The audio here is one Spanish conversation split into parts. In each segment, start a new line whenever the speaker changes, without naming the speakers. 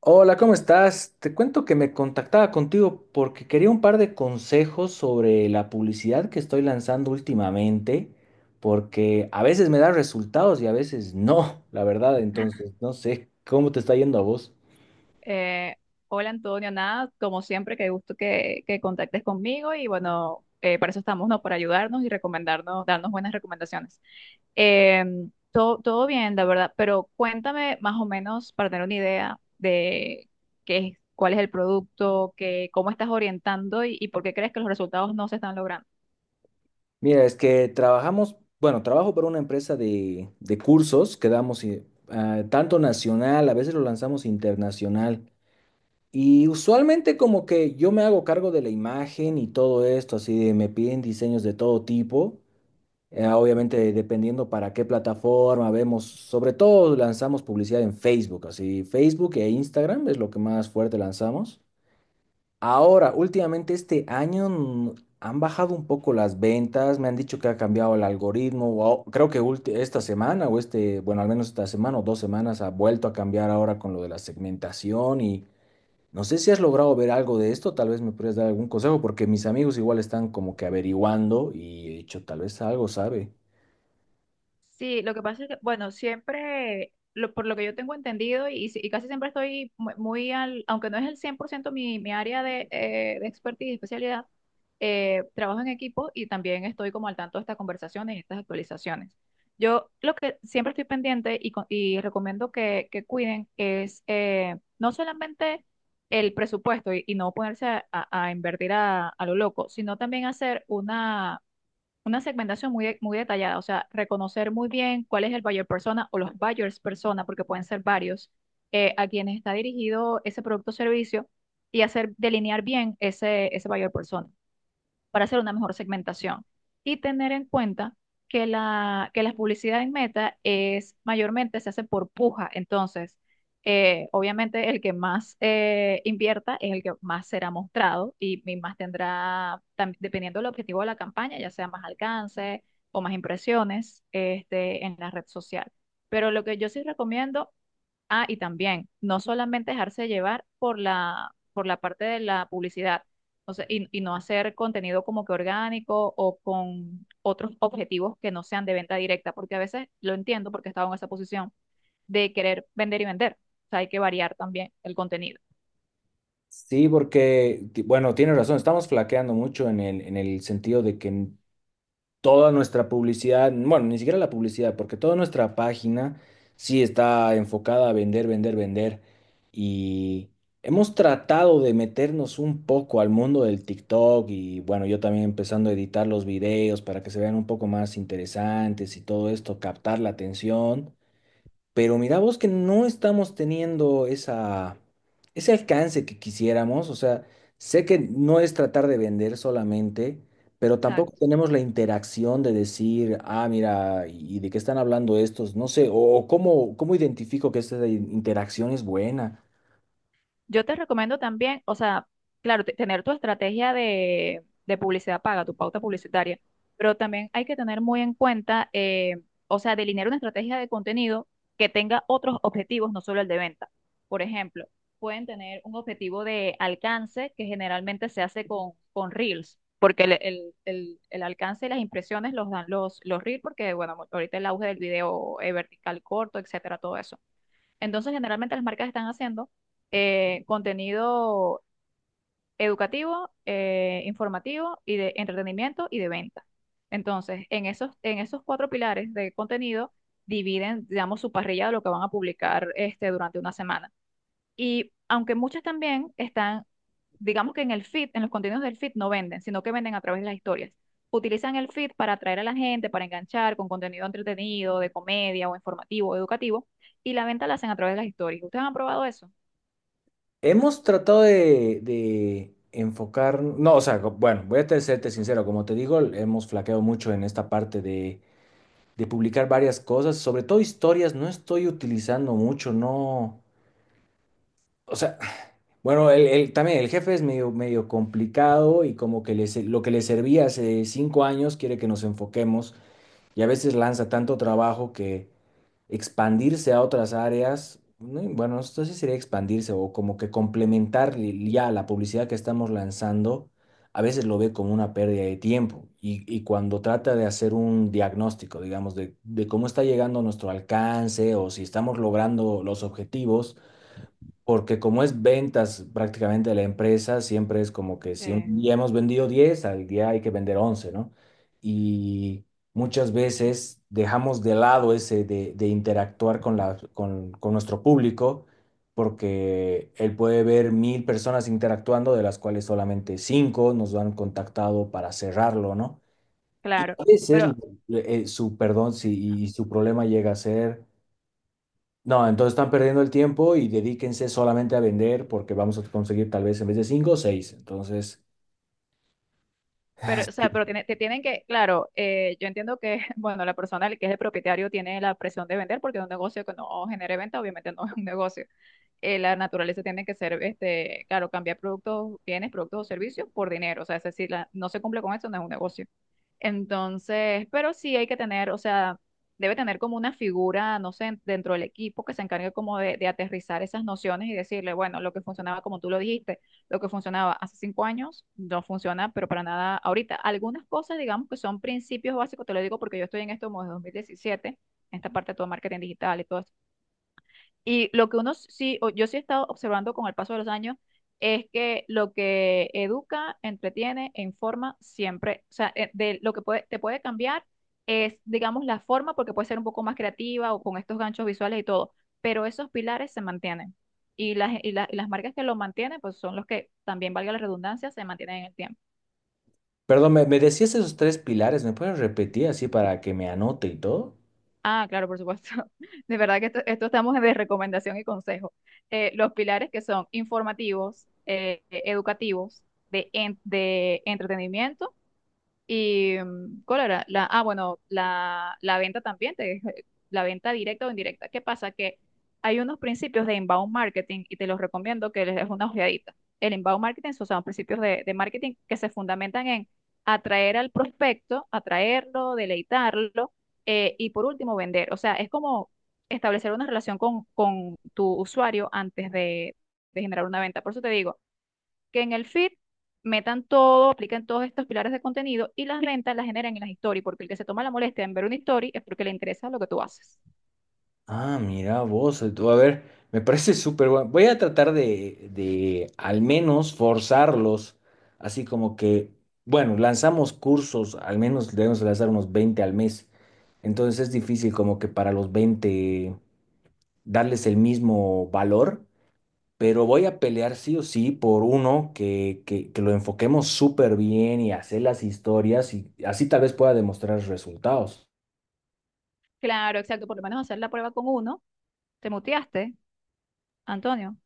Hola, ¿cómo estás? Te cuento que me contactaba contigo porque quería un par de consejos sobre la publicidad que estoy lanzando últimamente, porque a veces me da resultados y a veces no, la verdad. Entonces no sé cómo te está yendo a vos.
Eh, Hola Antonio, nada, como siempre, qué gusto que contactes conmigo y bueno, para eso estamos, ¿no? Para ayudarnos y recomendarnos, darnos buenas recomendaciones. Eh, todo bien, la verdad, pero cuéntame más o menos para tener una idea de qué es, cuál es el producto, qué, cómo estás orientando y por qué crees que los resultados no se están logrando.
Mira, es que bueno, trabajo para una empresa de cursos que damos, tanto nacional, a veces lo lanzamos internacional. Y usualmente, como que yo me hago cargo de la imagen y todo esto, así de me piden diseños de todo tipo. Obviamente, dependiendo para qué plataforma, vemos, sobre todo, lanzamos publicidad en Facebook. Así Facebook e Instagram es lo que más fuerte lanzamos. Ahora, últimamente este año han bajado un poco las ventas. Me han dicho que ha cambiado el algoritmo, creo que esta semana o bueno, al menos esta semana o dos semanas ha vuelto a cambiar ahora con lo de la segmentación, y no sé si has logrado ver algo de esto. Tal vez me podrías dar algún consejo, porque mis amigos igual están como que averiguando, y he dicho, tal vez algo sabe.
Sí, lo que pasa es que, bueno, siempre, por lo que yo tengo entendido, y, si- y casi siempre estoy muy al, aunque no es el 100% mi área de expertise y especialidad, trabajo en equipo y también estoy como al tanto de estas conversaciones y estas actualizaciones. Yo lo que siempre estoy pendiente y recomiendo que cuiden es no solamente el presupuesto y no ponerse a invertir a lo loco, sino también hacer una segmentación muy detallada, o sea, reconocer muy bien cuál es el buyer persona o los buyers persona, porque pueden ser varios, a quienes está dirigido ese producto o servicio y hacer delinear bien ese buyer persona para hacer una mejor segmentación. Y tener en cuenta que la publicidad en Meta es mayormente se hace por puja. Entonces, obviamente el que más invierta es el que más será mostrado y más tendrá, dependiendo del objetivo de la campaña, ya sea más alcance o más impresiones en la red social. Pero lo que yo sí recomiendo. Ah, y también, no solamente dejarse llevar por la parte de la publicidad, o sea, y no hacer contenido como que orgánico o con otros objetivos que no sean de venta directa, porque a veces lo entiendo porque he estado en esa posición de querer vender y vender. O sea, hay que variar también el contenido.
Sí, porque, bueno, tienes razón, estamos flaqueando mucho en el, sentido de que toda nuestra publicidad, bueno, ni siquiera la publicidad, porque toda nuestra página sí está enfocada a vender, vender, vender. Y hemos tratado de meternos un poco al mundo del TikTok, y, bueno, yo también empezando a editar los videos para que se vean un poco más interesantes y todo esto, captar la atención. Pero mira vos que no estamos teniendo ese alcance que quisiéramos. O sea, sé que no es tratar de vender solamente, pero tampoco tenemos la interacción de decir, ah, mira, ¿y de qué están hablando estos? No sé, o cómo, cómo identifico que esta interacción es buena.
Yo te recomiendo también, o sea, claro, tener tu estrategia de publicidad paga, tu pauta publicitaria, pero también hay que tener muy en cuenta, o sea, delinear una estrategia de contenido que tenga otros objetivos, no solo el de venta. Por ejemplo, pueden tener un objetivo de alcance que generalmente se hace con Reels, porque el alcance y las impresiones los dan los Reels, porque, bueno, ahorita el auge del video vertical corto, etcétera, todo eso. Entonces, generalmente las marcas están haciendo contenido educativo, informativo y de entretenimiento y de venta. Entonces, en esos cuatro pilares de contenido, dividen, digamos, su parrilla de lo que van a publicar durante una semana. Y aunque muchas también están digamos que en el feed, en los contenidos del feed no venden, sino que venden a través de las historias. Utilizan el feed para atraer a la gente, para enganchar con contenido entretenido, de comedia o informativo, o educativo, y la venta la hacen a través de las historias. ¿Ustedes han probado eso?
Hemos tratado de, enfocar, no, o sea, bueno, voy a serte sincero. Como te digo, hemos flaqueado mucho en esta parte de publicar varias cosas, sobre todo historias, no estoy utilizando mucho, no. O sea, bueno, también el jefe es medio complicado, y como que lo que le servía hace 5 años quiere que nos enfoquemos. Y a veces lanza tanto trabajo que expandirse a otras áreas, ¿no? Y bueno, esto sí sería expandirse o como que complementar, ya la publicidad que estamos lanzando, a veces lo ve como una pérdida de tiempo. Y cuando trata de hacer un diagnóstico, digamos, de, cómo está llegando nuestro alcance, o si estamos logrando los objetivos, porque como es ventas prácticamente de la empresa, siempre es como que si un
Sí.
día hemos vendido 10 al día hay que vender 11, ¿no? Y muchas veces dejamos de lado ese de, interactuar con nuestro público, porque él puede ver 1.000 personas interactuando, de las cuales solamente cinco nos han contactado para cerrarlo, ¿no? Y
Claro,
a veces,
pero.
perdón, si, y su problema llega a ser, no, entonces están perdiendo el tiempo y dedíquense solamente a vender, porque vamos a conseguir tal vez, en vez de cinco, seis. Entonces,
O
sí.
sea, pero te tienen que, claro, yo entiendo que, bueno, la persona que es el propietario tiene la presión de vender porque un negocio que no genere venta, obviamente no es un negocio. La naturaleza tiene que ser, claro, cambiar productos, bienes, productos o servicios por dinero. O sea, es decir, no se cumple con eso, no es un negocio. Entonces, pero sí hay que tener, o sea, debe tener como una figura, no sé, dentro del equipo que se encargue como de aterrizar esas nociones y decirle, bueno, lo que funcionaba, como tú lo dijiste, lo que funcionaba hace cinco años no funciona, pero para nada ahorita. Algunas cosas, digamos, que son principios básicos, te lo digo porque yo estoy en esto como desde 2017, en esta parte de todo marketing digital y todo y lo que uno sí, o yo sí he estado observando con el paso de los años, es que lo que educa, entretiene e informa siempre, o sea, de lo que puede, te puede cambiar es, digamos, la forma, porque puede ser un poco más creativa o con estos ganchos visuales y todo, pero esos pilares se mantienen. Y las marcas que lo mantienen, pues son los que, también valga la redundancia, se mantienen en el tiempo.
Perdón, ¿me decías esos tres pilares? ¿Me puedes repetir así para que me anote y todo?
Ah, claro, por supuesto. De verdad que esto estamos de recomendación y consejo. Los pilares que son informativos, educativos, de entretenimiento. ¿Y cuál era? Ah, bueno, la venta también, la venta directa o indirecta. ¿Qué pasa? Que hay unos principios de inbound marketing y te los recomiendo que les des una ojeadita. El inbound marketing son principios de marketing que se fundamentan en atraer al prospecto, atraerlo, deleitarlo, y por último vender. O sea, es como establecer una relación con tu usuario antes de generar una venta. Por eso te digo que en el feed metan todo, apliquen todos estos pilares de contenido y las ventas las generan en las stories, porque el que se toma la molestia en ver una story es porque le interesa lo que tú haces.
Ah, mira vos, tú, a ver, me parece súper bueno. Voy a tratar de al menos forzarlos, así como que, bueno, lanzamos cursos, al menos debemos lanzar unos 20 al mes. Entonces es difícil como que para los 20 darles el mismo valor. Pero voy a pelear sí o sí por uno que lo enfoquemos súper bien y hacer las historias, y así tal vez pueda demostrar resultados.
Claro, exacto, por lo menos hacer la prueba con uno. ¿Te muteaste, Antonio?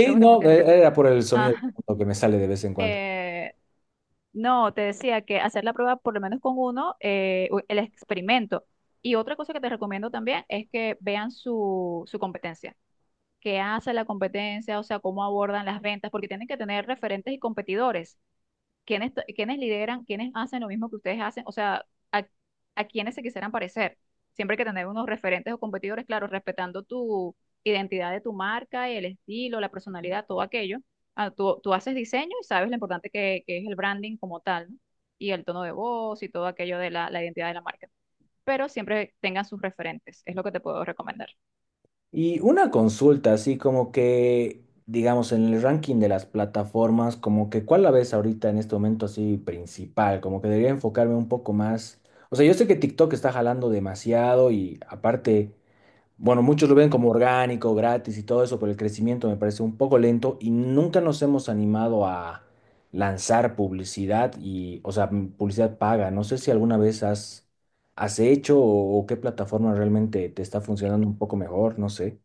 Creo que te
no,
muteaste.
era por el sonido de
Ah,
fondo que me sale de vez en cuando.
eh, no, te decía que hacer la prueba por lo menos con uno, el experimento. Y otra cosa que te recomiendo también es que vean su competencia. ¿Qué hace la competencia? O sea, cómo abordan las ventas, porque tienen que tener referentes y competidores. Quiénes lideran, quiénes hacen lo mismo que ustedes hacen, o sea, a, a quiénes se quisieran parecer. Siempre hay que tener unos referentes o competidores, claro, respetando tu identidad de tu marca, el estilo, la personalidad, todo aquello. Ah, tú haces diseño y sabes lo importante que es el branding como tal, ¿no? Y el tono de voz y todo aquello de la identidad de la marca. Pero siempre tengan sus referentes, es lo que te puedo recomendar.
Y una consulta, así como que, digamos, en el ranking de las plataformas, como que, ¿cuál la ves ahorita en este momento así principal? Como que debería enfocarme un poco más. O sea, yo sé que TikTok está jalando demasiado, y aparte, bueno, muchos lo ven como orgánico, gratis y todo eso, pero el crecimiento me parece un poco lento y nunca nos hemos animado a lanzar publicidad, y, o sea, publicidad paga. No sé si alguna vez has hecho, o qué plataforma realmente te está funcionando un poco mejor, no sé.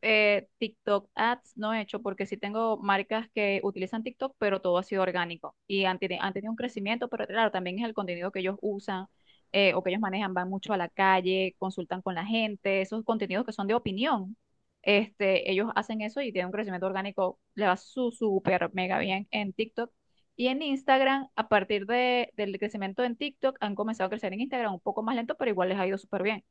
TikTok ads no he hecho porque sí tengo marcas que utilizan TikTok, pero todo ha sido orgánico y han tenido un crecimiento, pero claro, también es el contenido que ellos usan, o que ellos manejan, van mucho a la calle, consultan con la gente, esos contenidos que son de opinión. Ellos hacen eso y tienen un crecimiento orgánico, le va su súper mega bien en TikTok. Y en Instagram, a partir del crecimiento en TikTok, han comenzado a crecer en Instagram un poco más lento, pero igual les ha ido súper bien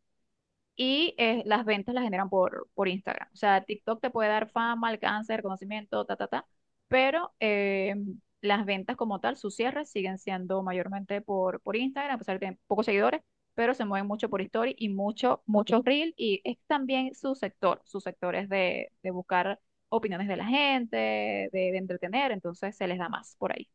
y las ventas las generan por Instagram. O sea, TikTok te puede dar fama, alcance, reconocimiento, ta, ta, ta, pero las ventas como tal, sus cierres siguen siendo mayormente por Instagram, a pesar de que tienen pocos seguidores, pero se mueven mucho por Story y mucho, muchos Reel y es también su sector, sus sectores de buscar opiniones de la gente, de entretener, entonces se les da más por ahí.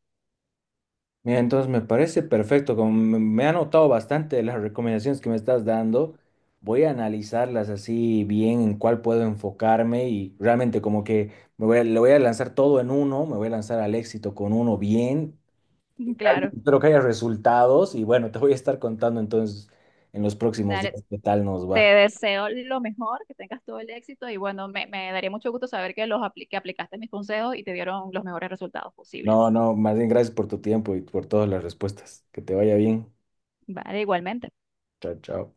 Mira, entonces me parece perfecto. Como me ha notado bastante las recomendaciones que me estás dando, voy a analizarlas así bien en cuál puedo enfocarme, y realmente como que me le voy a lanzar todo en uno, me voy a lanzar al éxito con uno bien.
Claro,
Realmente espero que haya resultados y, bueno, te voy a estar contando entonces en los próximos
dale.
días qué tal nos
Te
va.
deseo lo mejor, que tengas todo el éxito y bueno, me daría mucho gusto saber que aplicaste mis consejos y te dieron los mejores resultados
No,
posibles.
no, más bien gracias por tu tiempo y por todas las respuestas. Que te vaya bien.
Vale, igualmente.
Chao, chao.